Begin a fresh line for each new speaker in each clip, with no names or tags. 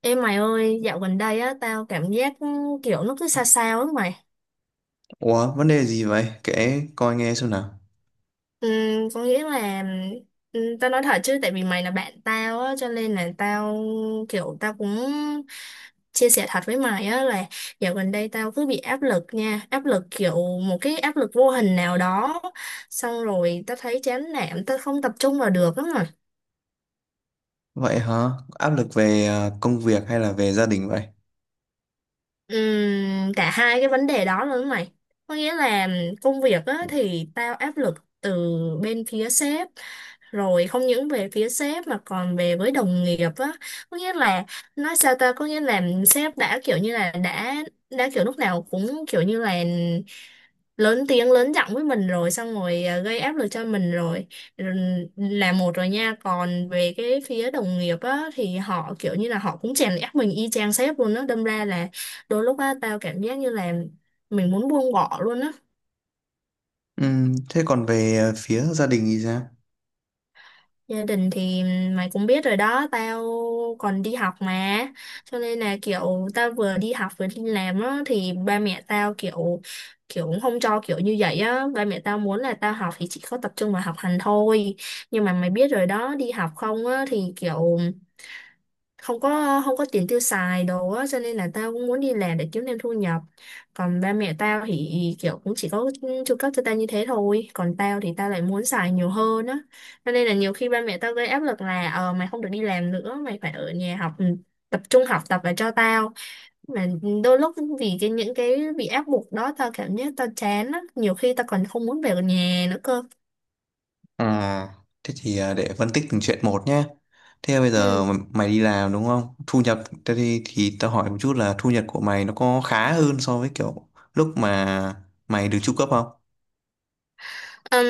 Ê mày ơi, dạo gần đây á, tao cảm giác kiểu nó cứ sao sao á mày.
Ủa, vấn đề gì vậy? Kể coi nghe xem nào.
Ừ, có nghĩa là, tao nói thật chứ, tại vì mày là bạn tao á, cho nên là tao cũng chia sẻ thật với mày á là dạo gần đây tao cứ bị áp lực nha, áp lực kiểu một cái áp lực vô hình nào đó, xong rồi tao thấy chán nản, tao không tập trung vào được lắm.
Vậy hả? Áp lực về công việc hay là về gia đình vậy?
Cả hai cái vấn đề đó luôn mày, có nghĩa là công việc á, thì tao áp lực từ bên phía sếp, rồi không những về phía sếp mà còn về với đồng nghiệp á, có nghĩa là nói sao ta, có nghĩa là sếp đã kiểu lúc nào cũng kiểu như là lớn tiếng lớn giọng với mình rồi, xong rồi gây áp lực cho mình rồi. Rồi là một rồi nha, còn về cái phía đồng nghiệp á thì họ kiểu như là họ cũng chèn ép mình y chang sếp luôn á, đâm ra là đôi lúc á tao cảm giác như là mình muốn buông bỏ luôn á.
Thế còn về phía gia đình thì sao?
Gia đình thì mày cũng biết rồi đó, tao còn đi học mà. Cho nên là kiểu tao vừa đi học vừa đi làm á thì ba mẹ tao kiểu kiểu cũng không cho kiểu như vậy á, ba mẹ tao muốn là tao học thì chỉ có tập trung vào học hành thôi. Nhưng mà mày biết rồi đó, đi học không á thì kiểu không có tiền tiêu xài đồ á, cho nên là tao cũng muốn đi làm để kiếm thêm thu nhập, còn ba mẹ tao thì kiểu cũng chỉ có chu cấp cho tao như thế thôi, còn tao thì tao lại muốn xài nhiều hơn á, cho nên là nhiều khi ba mẹ tao gây áp lực là ờ mày không được đi làm nữa, mày phải ở nhà học, tập trung học tập và cho tao, mà đôi lúc vì cái những cái bị áp buộc đó tao cảm giác tao chán á, nhiều khi tao còn không muốn về nhà nữa cơ.
À, thế thì để phân tích từng chuyện một nhé. Thế bây
Ừ.
giờ mày đi làm đúng không? Thu nhập, thế thì tao hỏi một chút là thu nhập của mày nó có khá hơn so với kiểu lúc mà mày được tru cấp không?
Ừm,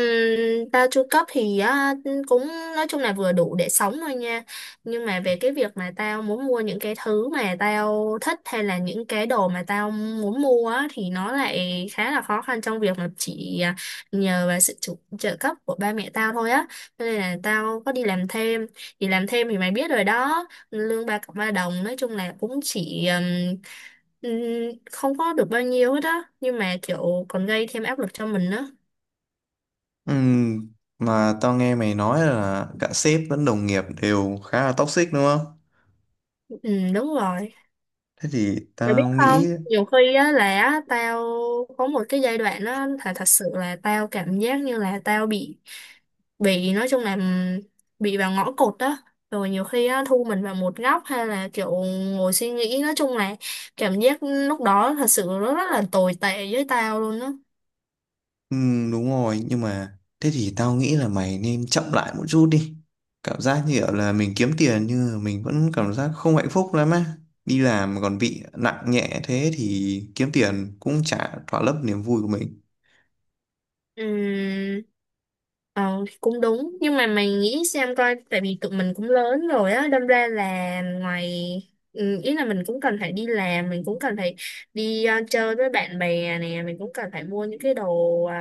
Bao chu cấp thì á, cũng nói chung là vừa đủ để sống thôi nha, nhưng mà về cái việc mà tao muốn mua những cái thứ mà tao thích hay là những cái đồ mà tao muốn mua á, thì nó lại khá là khó khăn trong việc mà chỉ nhờ vào trợ cấp của ba mẹ tao thôi á. Cho nên là tao có đi làm thêm, thì làm thêm thì mày biết rồi đó lương ba cọc ba đồng, nói chung là cũng chỉ ừm, không có được bao nhiêu hết á, nhưng mà kiểu còn gây thêm áp lực cho mình á.
Ừm, mà tao nghe mày nói là cả sếp lẫn đồng nghiệp đều khá là toxic đúng không?
Ừ, đúng rồi.
Thế thì
Mày biết
tao
không?
nghĩ.
Nhiều khi á là á, tao có một cái giai đoạn á, thật sự là tao cảm giác như là tao bị, nói chung là bị vào ngõ cụt á, rồi nhiều khi á thu mình vào một góc, hay là kiểu ngồi suy nghĩ, nói chung là cảm giác lúc đó thật sự nó rất là tồi tệ với tao luôn á.
Ừ, đúng rồi nhưng mà thế thì tao nghĩ là mày nên chậm lại một chút đi, cảm giác như kiểu là mình kiếm tiền nhưng mà mình vẫn cảm giác không hạnh phúc lắm á. Đi làm mà còn bị nặng nhẹ thế thì kiếm tiền cũng chả thỏa lấp niềm vui của mình.
Ừm, Ờ Cũng đúng, nhưng mà mày nghĩ xem coi, tại vì tụi mình cũng lớn rồi á, đâm ra là ngoài, ừ, ý là mình cũng cần phải đi làm, mình cũng cần phải đi chơi với bạn bè nè, mình cũng cần phải mua những cái đồ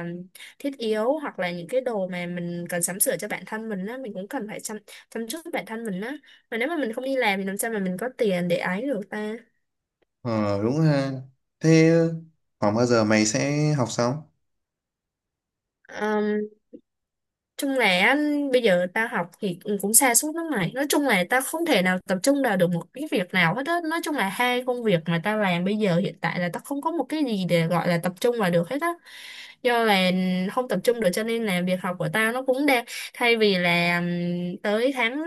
thiết yếu hoặc là những cái đồ mà mình cần sắm sửa cho bản thân mình á, mình cũng cần phải chăm chăm chút bản thân mình á, mà nếu mà mình không đi làm thì làm sao mà mình có tiền để ấy được.
Ờ đúng ha, thế khoảng bao giờ mày sẽ học xong?
ta Chung là á, bây giờ tao học thì cũng cũng sa sút lắm mày, nói chung là tao không thể nào tập trung vào được một cái việc nào hết á, nói chung là hai công việc mà tao làm bây giờ hiện tại là tao không có một cái gì để gọi là tập trung vào được hết á, do là không tập trung được cho nên là việc học của tao nó cũng đang, thay vì là tới tháng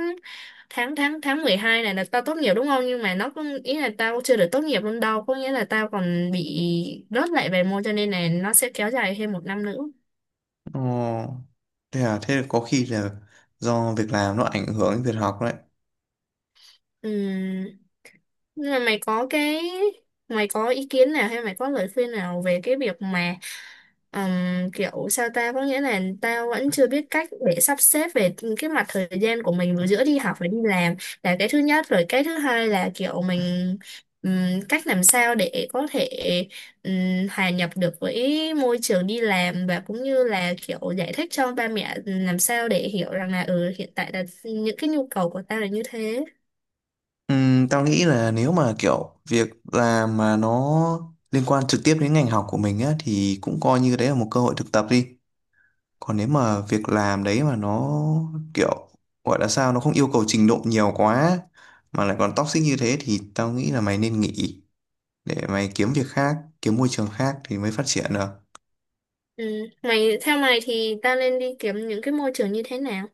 tháng tháng tháng 12 này là tao tốt nghiệp đúng không, nhưng mà nó cũng ý là tao chưa được tốt nghiệp luôn đâu, có nghĩa là tao còn bị rớt lại vài môn, cho nên là nó sẽ kéo dài thêm một năm nữa.
Ờ, thế à, thế có khi là do việc làm nó ảnh hưởng đến việc học đấy.
Ừ. Nhưng mà mày có ý kiến nào hay mày có lời khuyên nào về cái việc mà kiểu sao ta, có nghĩa là tao vẫn chưa biết cách để sắp xếp về cái mặt thời gian của mình vừa giữa đi học và đi làm, là cái thứ nhất, rồi cái thứ hai là kiểu mình cách làm sao để có thể hòa nhập được với môi trường đi làm và cũng như là kiểu giải thích cho ba mẹ làm sao để hiểu rằng là ừ hiện tại là những cái nhu cầu của tao là như thế.
Tao nghĩ là nếu mà kiểu việc làm mà nó liên quan trực tiếp đến ngành học của mình á thì cũng coi như đấy là một cơ hội thực tập đi. Còn nếu mà việc làm đấy mà nó kiểu, gọi là sao, nó không yêu cầu trình độ nhiều quá mà lại còn toxic như thế thì tao nghĩ là mày nên nghỉ, để mày kiếm việc khác, kiếm môi trường khác thì mới phát triển được.
Ừ. Mày, theo mày thì ta nên đi kiếm những cái môi trường như thế nào?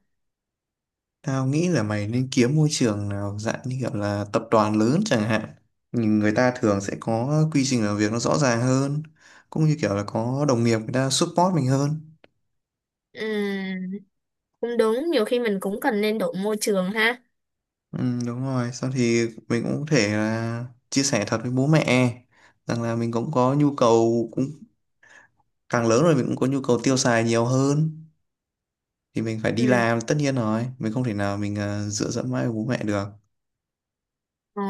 Tao nghĩ là mày nên kiếm môi trường nào dạng như kiểu là tập đoàn lớn chẳng hạn. Nhưng người ta thường sẽ có quy trình làm việc nó rõ ràng hơn. Cũng như kiểu là có đồng nghiệp người ta support mình hơn.
Ừ. Cũng đúng, nhiều khi mình cũng cần nên đổi môi trường ha.
Ừ, đúng rồi. Sau thì mình cũng có thể là chia sẻ thật với bố mẹ. Rằng là mình cũng có nhu cầu, cũng càng lớn rồi mình cũng có nhu cầu tiêu xài nhiều hơn. Thì mình phải
Ừ.
đi làm tất nhiên rồi. Mình không thể nào mình dựa dẫm mãi vào bố mẹ được.
Ờ.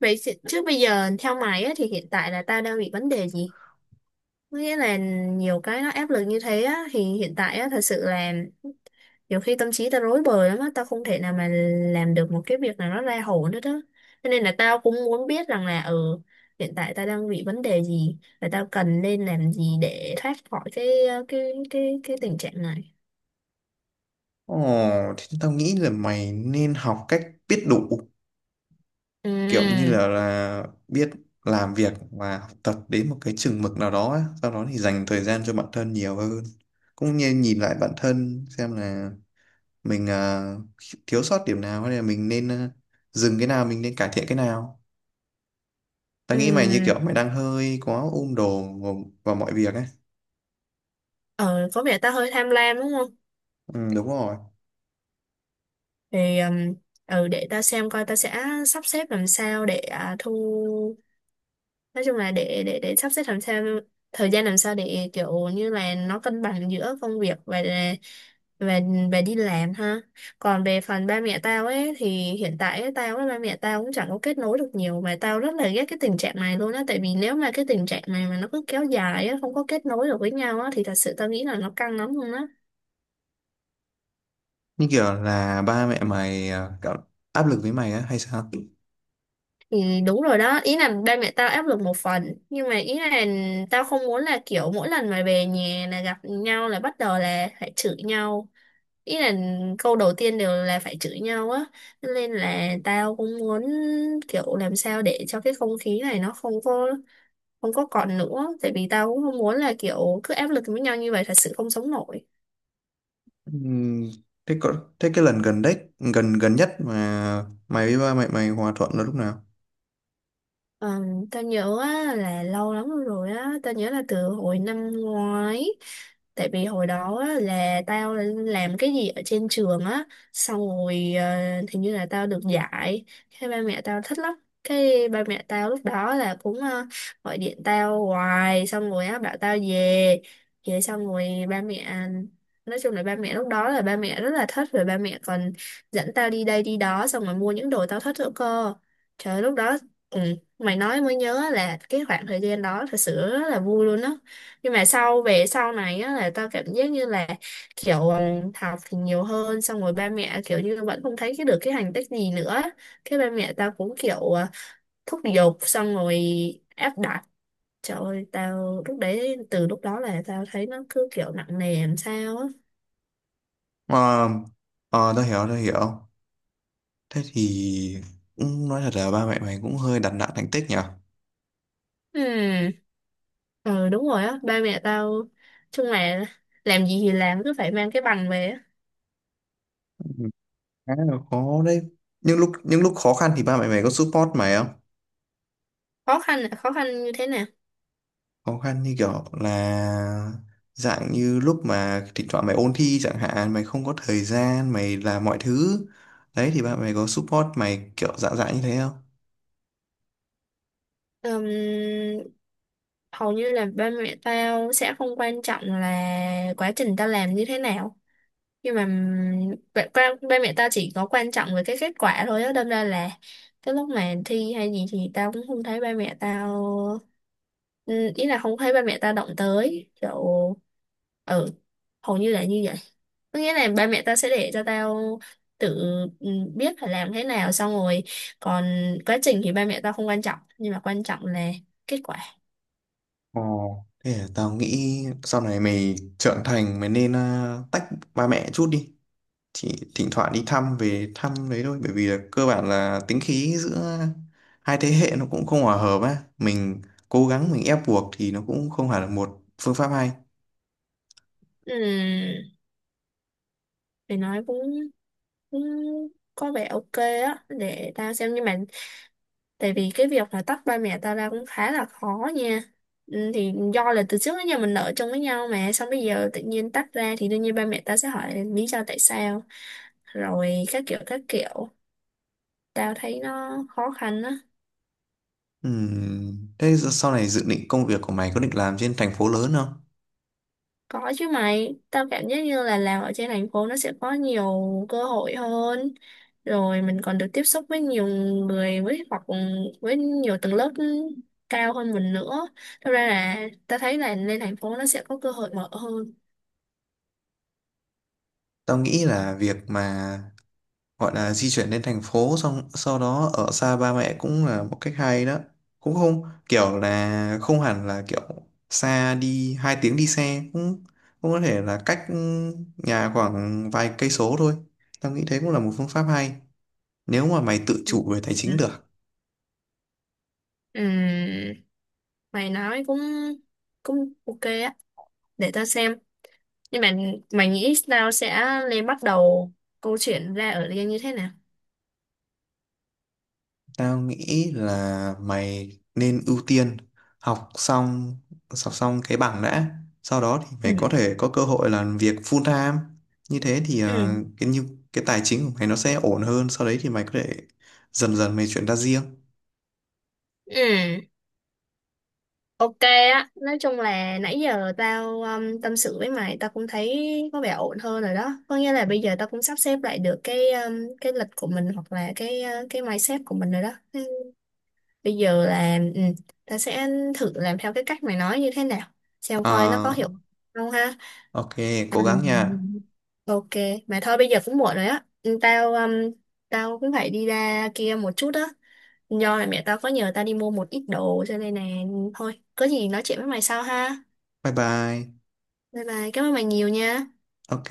Chứ bây giờ theo mày á, thì hiện tại là ta đang bị vấn đề gì? Có nghĩa là nhiều cái nó áp lực như thế á, thì hiện tại á, thật sự là nhiều khi tâm trí tao rối bời lắm á, tao không thể nào mà làm được một cái việc nào nó ra hồn hết á, cho nên là tao cũng muốn biết rằng là ừ hiện tại tao đang bị vấn đề gì và tao cần nên làm gì để thoát khỏi cái cái tình trạng này.
Ồ, thì tao nghĩ là mày nên học cách biết đủ, kiểu như
Ừ.
là, là biết làm việc và học tập đến một cái chừng mực nào đó ấy. Sau đó thì dành thời gian cho bản thân nhiều hơn, cũng như nhìn lại bản thân xem là mình thiếu sót điểm nào hay là mình nên dừng cái nào, mình nên cải thiện cái nào. Tao
Ừ.
nghĩ mày như kiểu mày đang hơi quá ôm đồm vào mọi việc ấy.
Ờ, có vẻ tao hơi tham lam đúng không?
Ừ, đúng rồi.
Thì ừ, để tao xem coi tao sẽ sắp xếp làm sao để à, thu nói chung là để sắp xếp làm sao thời gian làm sao để kiểu như là nó cân bằng giữa công việc và và và đi làm ha. Còn về phần ba mẹ tao ấy thì hiện tại ấy, tao với ba mẹ tao cũng chẳng có kết nối được nhiều, mà tao rất là ghét cái tình trạng này luôn á, tại vì nếu mà cái tình trạng này mà nó cứ kéo dài á không có kết nối được với nhau á thì thật sự tao nghĩ là nó căng lắm luôn á.
Như kiểu là ba mẹ mày cảm-, áp lực với mày á hay sao?
Thì đúng rồi đó, ý là ba mẹ tao áp lực một phần, nhưng mà ý là tao không muốn là kiểu mỗi lần mà về nhà là gặp nhau là bắt đầu là phải chửi nhau, ý là câu đầu tiên đều là phải chửi nhau á. Cho nên là tao cũng muốn kiểu làm sao để cho cái không khí này nó không có còn nữa, tại vì tao cũng không muốn là kiểu cứ áp lực với nhau như vậy, thật sự không sống nổi.
Ừm, thế có, thế cái lần gần đấy gần gần nhất mà mày với ba mày, mày hòa thuận là lúc nào?
Ờ, tao nhớ á, là lâu lắm rồi á, tao nhớ là từ hồi năm ngoái. Tại vì hồi đó á, là tao làm cái gì ở trên trường á, xong rồi hình như là tao được giải. Cái ba mẹ tao thích lắm. Cái ba mẹ tao lúc đó là cũng gọi điện tao hoài, xong rồi á, bảo tao về. Về xong rồi ba mẹ, nói chung là ba mẹ lúc đó là ba mẹ rất là thích. Rồi ba mẹ còn dẫn tao đi đây đi đó, xong rồi mua những đồ tao thích nữa cơ. Trời, lúc đó, ừ, mày nói mới nhớ là cái khoảng thời gian đó thật sự rất là vui luôn á. Nhưng mà sau về sau này á là tao cảm giác như là kiểu ừ, học thì nhiều hơn xong rồi ba mẹ kiểu như vẫn không thấy cái được cái thành tích gì nữa, cái ba mẹ tao cũng kiểu thúc giục, xong rồi áp đặt. Trời ơi, tao lúc đấy, từ lúc đó là tao thấy nó cứ kiểu nặng nề làm sao á.
Ờ, ờ tao hiểu, tao hiểu. Thế thì cũng nói thật là ba mẹ mày cũng hơi đặt nặng thành tích nhỉ.
Ừ. Ừ, đúng rồi á, ba mẹ tao, chung là làm gì thì làm cứ phải mang cái bằng về á.
Ừm, khá là khó đấy. Những lúc khó khăn thì ba mẹ mày có support mày không?
Khó khăn là khó khăn như thế nào?
Khó khăn như kiểu là dạng như lúc mà thỉnh thoảng mày ôn thi chẳng hạn, mày không có thời gian mày làm mọi thứ đấy, thì ba mẹ mày có support mày kiểu dạng dạng như thế không?
Ừm, Hầu như là ba mẹ tao sẽ không quan trọng là quá trình tao làm như thế nào, nhưng mà ba, ba ba mẹ tao chỉ có quan trọng về cái kết quả thôi á, đâm ra là cái lúc mà thi hay gì thì tao cũng không thấy ba mẹ tao, ý là không thấy ba mẹ tao động tới kiểu, ừ, hầu như là như vậy. Có nghĩa là ba mẹ tao sẽ để cho tao tự, ừ, biết phải làm thế nào, xong rồi, còn quá trình thì ba mẹ tao không quan trọng nhưng mà quan trọng là kết quả.
Ồ, thế à, tao nghĩ sau này mày trưởng thành mày nên tách ba mẹ chút đi. Chỉ thỉnh thoảng đi thăm, về thăm đấy thôi. Bởi vì là cơ bản là tính khí giữa hai thế hệ nó cũng không hòa hợp á. Mình cố gắng, mình ép buộc thì nó cũng không phải là một phương pháp hay.
Ừm, để nói cũng, cũng có vẻ ok á, để tao xem, nhưng mà tại vì cái việc là tách ba mẹ tao ra cũng khá là khó nha. Thì do là từ trước đến giờ mình ở chung với nhau mà, xong bây giờ tự nhiên tách ra thì đương nhiên ba mẹ tao sẽ hỏi lý do tại sao, rồi các kiểu các kiểu, tao thấy nó khó khăn á.
Thế giờ-, sau này dự định công việc của mày có định làm trên thành phố lớn không?
Có chứ mày, tao cảm giác như là làm ở trên thành phố nó sẽ có nhiều cơ hội hơn. Rồi mình còn được tiếp xúc với nhiều người với, hoặc với nhiều tầng lớp cao hơn mình nữa. Thật ra là tao thấy là lên thành phố nó sẽ có cơ hội mở hơn.
Tao nghĩ là việc mà gọi là di chuyển lên thành phố xong sau đó ở xa ba mẹ cũng là một cách hay đó. Cũng không kiểu là, không hẳn là kiểu xa, đi 2 tiếng đi xe cũng cũng có thể là cách, nhà khoảng vài cây số thôi. Tao nghĩ thế cũng là một phương pháp hay nếu mà mày tự chủ về tài
Ừ.
chính được.
Ừm, Mày nói cũng cũng ok á, để tao xem. Nhưng mà mày nghĩ tao sẽ lên bắt đầu câu chuyện ra ở Liên như thế nào?
Tao nghĩ là mày nên ưu tiên học xong học xong cái bằng đã, sau đó thì
Ừ.
mày có thể có cơ hội làm việc full-time. Như thế thì
Ừ.
cái như cái tài chính của mày nó sẽ ổn hơn, sau đấy thì mày có thể dần dần mày chuyển ra riêng.
Ừ. Ok á, nói chung là nãy giờ tao tâm sự với mày, tao cũng thấy có vẻ ổn hơn rồi đó. Có nghĩa là bây giờ tao cũng sắp xếp lại được cái lịch của mình hoặc là cái mindset của mình rồi đó. Ừ. Bây giờ là tao sẽ thử làm theo cái cách mày nói như thế nào, xem coi nó có
Ờ,
hiệu quả không ha.
ok, cố gắng
Ừ.
nha.
Ok, mà thôi bây giờ cũng muộn rồi á. Ừ, Tao tao cũng phải đi ra kia một chút á. Do là mẹ tao có nhờ tao đi mua một ít đồ cho nên là thôi, có gì nói chuyện với mày sau ha.
Bye bye.
Bye bye, cảm ơn bạn nhiều nha.
Ok.